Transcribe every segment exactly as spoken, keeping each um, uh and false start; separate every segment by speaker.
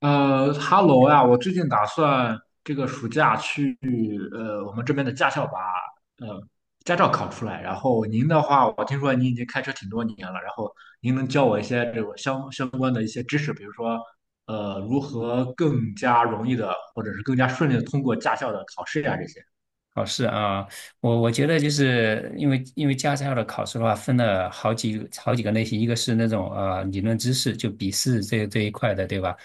Speaker 1: 呃哈喽呀，我最近打算这个暑假去呃我们这边的驾校把呃驾照考出来。然后您的话，我听说您已经开车挺多年了，然后您能教我一些这种相相关的一些知识，比如说呃如何更加容易的或者是更加顺利的通过驾校的考试呀、这些。
Speaker 2: 考试啊，我我觉得就是因为因为驾校的考试的话，分了好几好几个类型，一个是那种呃理论知识，就笔试这这一块的，对吧？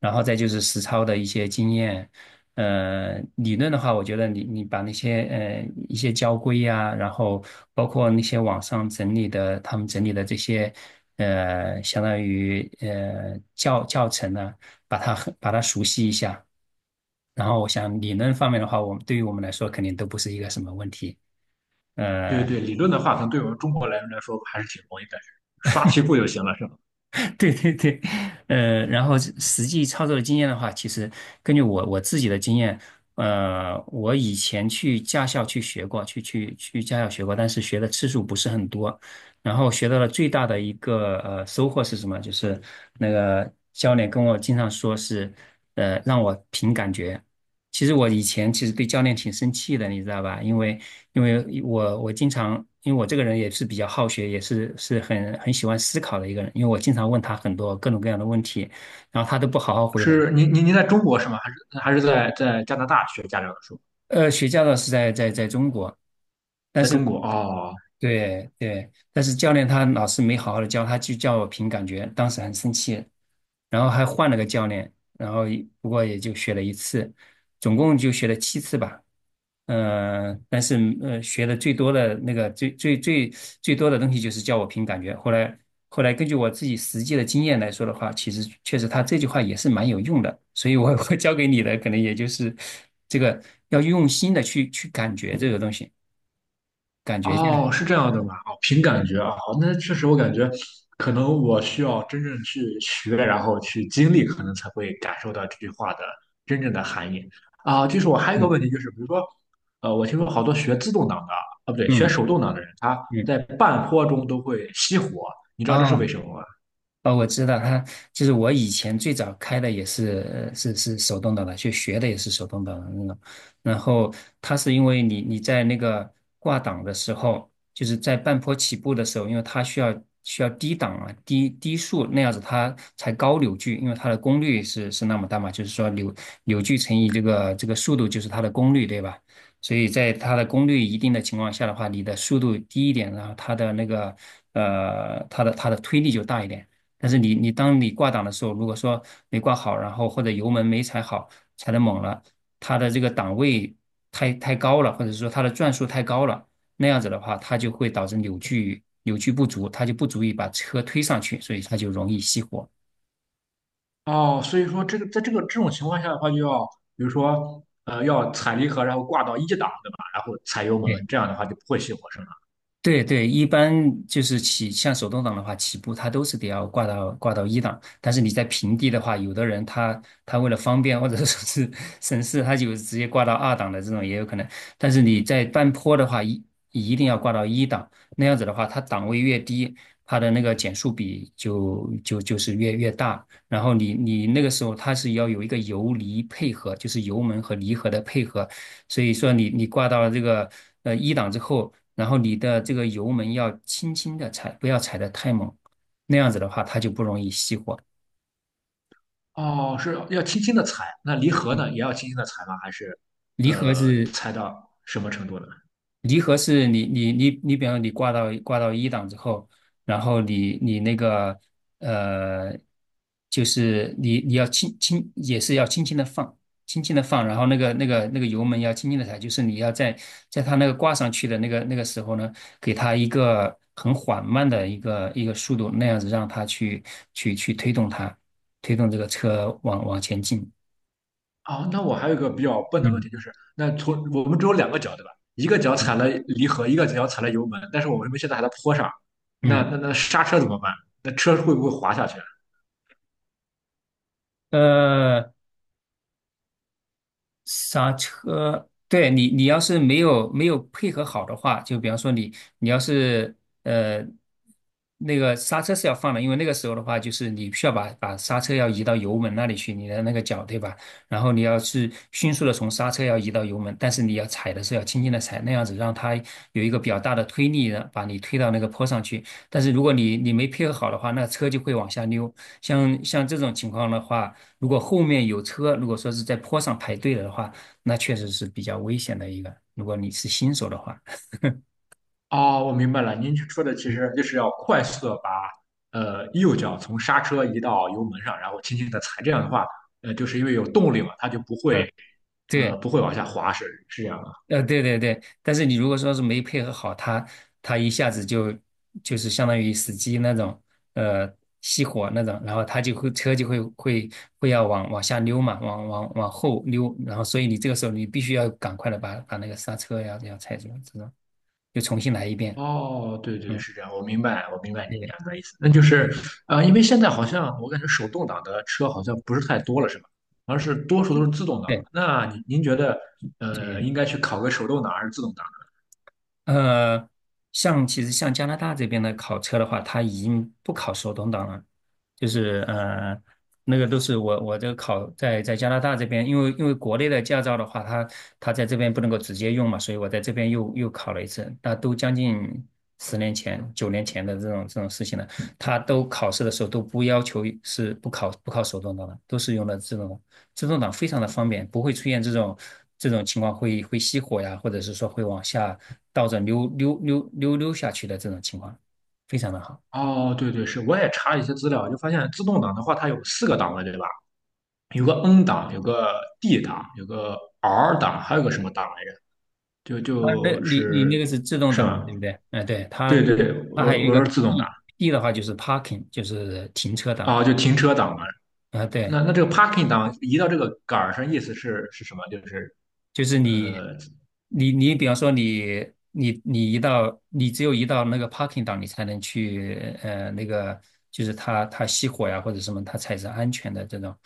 Speaker 2: 然后再就是实操的一些经验。呃，理论的话，我觉得你你把那些呃一些交规呀、然后包括那些网上整理的他们整理的这些呃，相当于呃教教程呢、把它很把它熟悉一下。然后我想理论方面的话，我们对于我们来说肯定都不是一个什么问题。
Speaker 1: 对
Speaker 2: 呃，
Speaker 1: 对，理论的话，可能对我们中国人来说还是挺容易的，刷题库就行了，是吗？
Speaker 2: 对对对，呃，然后实际操作的经验的话，其实根据我我自己的经验，呃，我以前去驾校去学过，去去去驾校学过，但是学的次数不是很多。然后学到了最大的一个呃收获是什么？就是那个教练跟我经常说是，呃，让我凭感觉。其实我以前其实对教练挺生气的，你知道吧？因为因为我我经常，因为我这个人也是比较好学，也是是很很喜欢思考的一个人，因为我经常问他很多各种各样的问题，然后他都不好好回答。
Speaker 1: 是您您您在中国是吗？还是还是在在加拿大学驾照的时候，
Speaker 2: 呃，学驾照是在在在中国，但
Speaker 1: 在
Speaker 2: 是
Speaker 1: 中国哦。
Speaker 2: 对对，但是教练他老师没好好的教，他就叫我凭感觉，当时很生气，然后还换了个教练，然后不过也就学了一次，总共就学了七次吧。嗯，但是呃，学的最多的那个最最最最多的东西就是叫我凭感觉。后来后来根据我自己实际的经验来说的话，其实确实他这句话也是蛮有用的。所以我我教给你的可能也就是这个要用心的去去感觉这个东西，感觉这个，
Speaker 1: 哦，是这样的吗？哦，凭感觉啊，好那确实我感觉，可能我需要真正去学，然后去经历，可能才会感受到这句话的真正的含义啊。就是我还有一个
Speaker 2: 嗯
Speaker 1: 问题，就是比如说，呃，我听说好多学自动挡的，啊，不对，学
Speaker 2: 嗯
Speaker 1: 手动挡的人，他
Speaker 2: 嗯
Speaker 1: 在半坡中都会熄火，你知道这是为
Speaker 2: 啊
Speaker 1: 什么吗？
Speaker 2: 哦，我知道他就是我以前最早开的也是是是手动挡的，就学的也是手动挡的那种。然后它是因为你你在那个挂档的时候，就是在半坡起步的时候，因为它需要需要低档啊低低速那样子它才高扭矩，因为它的功率是是那么大嘛，就是说扭扭矩乘以这个这个速度就是它的功率，对吧？所以在它的功率一定的情况下的话，你的速度低一点，然后它的那个呃它的它的推力就大一点。但是你你当你挂档的时候，如果说没挂好，然后或者油门没踩好，踩的猛了，它的这个档位太太高了，或者说它的转速太高了，那样子的话，它就会导致扭矩扭矩不足，它就不足以把车推上去，所以它就容易熄火。
Speaker 1: 哦，所以说这个在这个这种情况下的话，就要比如说，呃，要踩离合，然后挂到一档，对吧？然后踩油门，这
Speaker 2: 对
Speaker 1: 样的话就不会熄火，是吗？
Speaker 2: 对对，一般就是起，像手动挡的话，起步它都是得要挂到挂到一档。但是你在平地的话，有的人他他为了方便或者说是 省事，他就直接挂到二档的这种也有可能。但是你在半坡的话，一一定要挂到一档，那样子的话，它档位越低，它的那个减速比就就就是越越大。然后你你那个时候它是要有一个油离配合，就是油门和离合的配合，所以说你你挂到这个呃一档之后，然后你的这个油门要轻轻的踩，不要踩得太猛，那样子的话它就不容易熄火。
Speaker 1: 哦，是要轻轻的踩，那离合呢也要轻轻的踩吗？还是
Speaker 2: 离合
Speaker 1: 呃
Speaker 2: 是
Speaker 1: 踩到什么程度呢？
Speaker 2: 离合是你你你你，比方说你挂到挂到一档之后，然后你你那个呃，就是你你要轻轻也是要轻轻的放，轻轻的放，然后那个那个那个油门要轻轻的踩，就是你要在在它那个挂上去的那个那个时候呢，给它一个很缓慢的一个一个速度，那样子让它去去去推动它，推动这个车往往前进。
Speaker 1: 哦，那我还有一个比较笨的问题，
Speaker 2: 嗯
Speaker 1: 就是那从我们只有两个脚对吧？一个脚
Speaker 2: 嗯
Speaker 1: 踩了离合，一个脚踩了油门，但是我们现在还在坡上，那
Speaker 2: 嗯，
Speaker 1: 那那刹车怎么办？那车会不会滑下去？
Speaker 2: 呃。刹车，对你，你要是没有没有配合好的话，就比方说你，你要是呃那个刹车是要放的，因为那个时候的话，就是你需要把把刹车要移到油门那里去，你的那个脚对吧？然后你要是迅速的从刹车要移到油门，但是你要踩的时候要轻轻的踩，那样子让它有一个比较大的推力的把你推到那个坡上去。但是如果你你没配合好的话，那车就会往下溜。像像这种情况的话。如果后面有车，如果说是在坡上排队了的话，那确实是比较危险的一个。如果你是新手的话，
Speaker 1: 哦，我明白了，您说的其实就是要快速的把呃右脚从刹车移到油门上，然后轻轻的踩，这样的话，呃，就是因为有动力嘛，它就不会
Speaker 2: 嗯，对，
Speaker 1: 呃不会往下滑，是是这样。的。
Speaker 2: 呃，对对对。但是你如果说是没配合好，他他一下子就就是相当于死机那种，呃，熄火那种，然后他就会车就会会会要往往下溜嘛，往往往后溜，然后所以你这个时候你必须要赶快的把把那个刹车呀这样踩住，这种就重新来一遍。
Speaker 1: 哦，对对，
Speaker 2: 嗯，
Speaker 1: 是这样，我明白，我明白你
Speaker 2: 对对
Speaker 1: 讲的意思。那就是，呃，因为现在好像我感觉手动挡的车好像不是太多了，是吧？而是多数都是自动挡
Speaker 2: 对，
Speaker 1: 的。那您您觉得，
Speaker 2: 这个。
Speaker 1: 呃，应该去考个手动挡还是自动挡
Speaker 2: 呃，像其实像加拿大这边的考车的话，它已经不考手动挡了，就是呃，那个都是我我这个考在在加拿大这边，因为因为国内的驾照的话，它它在这边不能够直接用嘛，所以我在这边又又考了一次，那都将近十年前、九年前的这种这种事情了。它都考试的时候都不要求是不考不考手动挡的，都是用的自动挡。自动挡非常的方便，不会出现这种这种情况会会熄火呀，或者是说会往下倒着溜溜溜溜溜下去的这种情况，非常
Speaker 1: 呢？
Speaker 2: 的好。
Speaker 1: 哦，对对，是，我也查了一些资料，就发现自动挡的话，它有四个档位，对吧？有个 N 档，有个 D 档，有个 R 档，还有个什么档来着？就
Speaker 2: 啊，那
Speaker 1: 就
Speaker 2: 你你
Speaker 1: 是
Speaker 2: 那个是自动
Speaker 1: 是
Speaker 2: 挡嘛，
Speaker 1: 吧？
Speaker 2: 对不对？嗯，对，它
Speaker 1: 对对对，
Speaker 2: 它
Speaker 1: 我
Speaker 2: 还有一
Speaker 1: 我
Speaker 2: 个
Speaker 1: 是自动挡
Speaker 2: P。 P 的话就是 parking，就是停车档
Speaker 1: 啊，就停车档嘛。
Speaker 2: 啊，对，
Speaker 1: 那那这个 parking 档移到这个杆儿上，意思是是什么？就是
Speaker 2: 就是你
Speaker 1: 呃，
Speaker 2: 你你比方说你你你一到，你只有一到那个 parking 档，你才能去呃那个就是它它熄火呀或者什么，它才是安全的这种。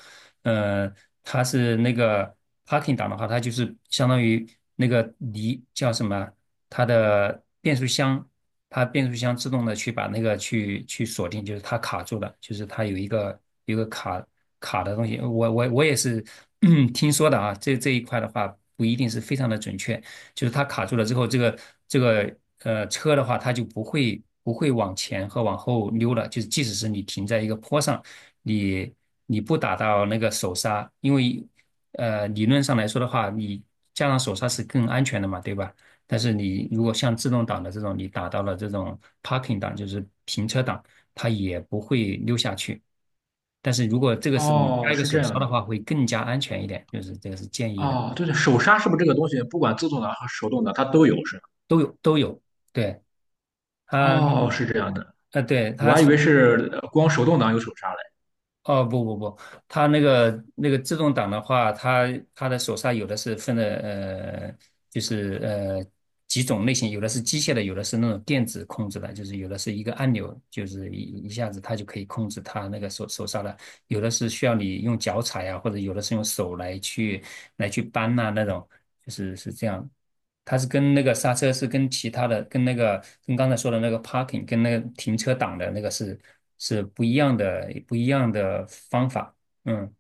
Speaker 2: 呃，它是那个 parking 档的话，它就是相当于那个离叫什么，它的变速箱，它变速箱自动的去把那个去去锁定，就是它卡住了，就是它有一个有一个卡卡的东西。我我我也是 听说的啊，这这一块的话不一定是非常的准确，就是它卡住了之后，这个这个呃车的话，它就不会不会往前和往后溜了。就是即使是你停在一个坡上，你你不打到那个手刹，因为呃理论上来说的话，你加上手刹是更安全的嘛，对吧？但是你如果像自动挡的这种，你打到了这种 parking 档，就是停车档，它也不会溜下去。但是如果这个时候你加
Speaker 1: 哦，
Speaker 2: 一个
Speaker 1: 是这
Speaker 2: 手刹
Speaker 1: 样
Speaker 2: 的
Speaker 1: 的。
Speaker 2: 话，会更加安全一点，就是这个是建议的，
Speaker 1: 哦，对对，手刹是不是这个东西，不管自动挡和手动挡它都有是吧？
Speaker 2: 都有都有。对。
Speaker 1: 哦，
Speaker 2: 嗯，
Speaker 1: 是这样的，
Speaker 2: 呃，对，
Speaker 1: 我
Speaker 2: 它
Speaker 1: 还以为
Speaker 2: 是，
Speaker 1: 是呃光手动挡有手刹嘞。
Speaker 2: 哦，不不不，它那个那个自动挡的话，它它的手刹有的是分的，呃，就是呃几种类型，有的是机械的，有的是那种电子控制的，就是有的是一个按钮，就是一一下子它就可以控制它那个手手刹的，有的是需要你用脚踩呀，或者有的是用手来去来去扳呐、那种，就是是这样。它是跟那个刹车是跟其他的，跟那个跟刚才说的那个 parking 跟那个停车档的那个是是不一样的，不一样的方法。嗯，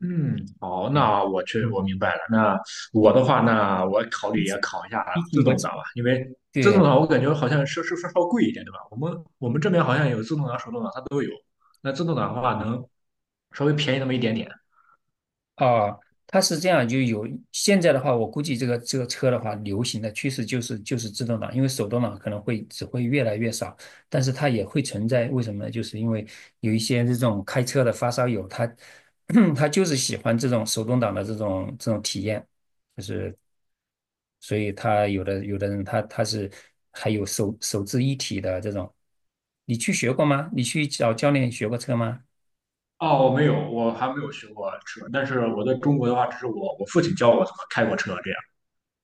Speaker 1: 嗯，好，
Speaker 2: 对，
Speaker 1: 那我去，
Speaker 2: 嗯，
Speaker 1: 我明白了。那我的话，那我考虑也考一下
Speaker 2: 提醒
Speaker 1: 自
Speaker 2: 过
Speaker 1: 动挡吧，因为自动
Speaker 2: 对
Speaker 1: 挡我感觉好像是是是稍贵一点，对吧？我们我们这边好像有自动挡、手动挡，它都有。那自动挡的话，能稍微便宜那么一点点。
Speaker 2: 啊，它是这样，就有现在的话，我估计这个这个车的话，流行的趋势就是就是自动挡，因为手动挡可能会只会越来越少，但是它也会存在，为什么呢？就是因为有一些这种开车的发烧友，他 他就是喜欢这种手动挡的这种这种体验。就是所以他有的有的人他他是还有手手自一体的这种，你去学过吗？你去找教练学过车吗？
Speaker 1: 哦，我没有，我还没有学过车，但是我在中国的话，只是我我父亲教我怎么开过车这样。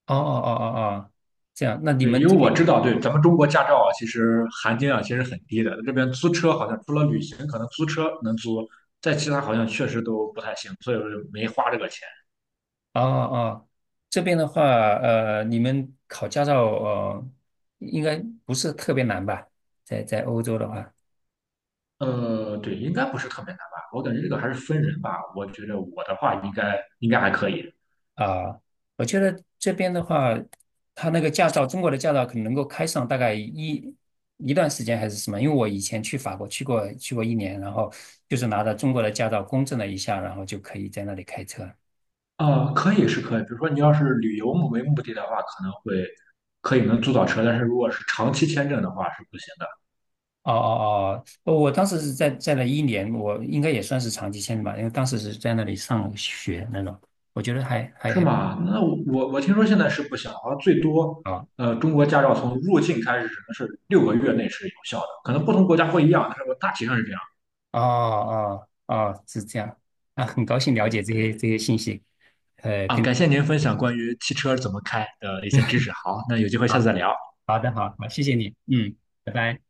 Speaker 2: 哦哦哦哦哦，这样，那你
Speaker 1: 对，
Speaker 2: 们
Speaker 1: 因为
Speaker 2: 这
Speaker 1: 我知
Speaker 2: 边
Speaker 1: 道，对咱们中国驾照啊，其实含金量其实很低的。这边租车好像除了旅行，可能租车能租，在其他好像确实都不太行，所以我就没花这个钱。
Speaker 2: 哦哦，这边的话，呃，你们考驾照呃，应该不是特别难吧？在在欧洲的话，
Speaker 1: 呃，对，应该不是特别难吧？我感觉这个还是分人吧。我觉得我的话应该应该还可以。
Speaker 2: 啊，我觉得这边的话，他那个驾照，中国的驾照可能能够开上大概一一段时间还是什么？因为我以前去法国去过去过一年，然后就是拿着中国的驾照公证了一下，然后就可以在那里开车。
Speaker 1: 呃，可以是可以，比如说你要是旅游目为目的的话，可能会可以能租到车，但是如果是长期签证的话是不行的。
Speaker 2: 哦哦哦，我当时是在在那一年，我应该也算是长期签的吧，因为当时是在那里上学那种，我觉得还还
Speaker 1: 是
Speaker 2: 还
Speaker 1: 吗？那我我我听说现在是不行，好像最多，
Speaker 2: 啊
Speaker 1: 呃，中国驾照从入境开始只能是六个月内是有效的，可能不同国家不一样，但是我大体上是这样
Speaker 2: 哦哦哦，是这样啊，很高兴了
Speaker 1: 的。对
Speaker 2: 解这
Speaker 1: 对
Speaker 2: 些这些信息，呃，
Speaker 1: 啊，
Speaker 2: 跟。
Speaker 1: 感谢您分享关于汽车怎么开的一些知识。好，那有机会下次再聊。
Speaker 2: 好的，好好，谢谢你，嗯，拜拜。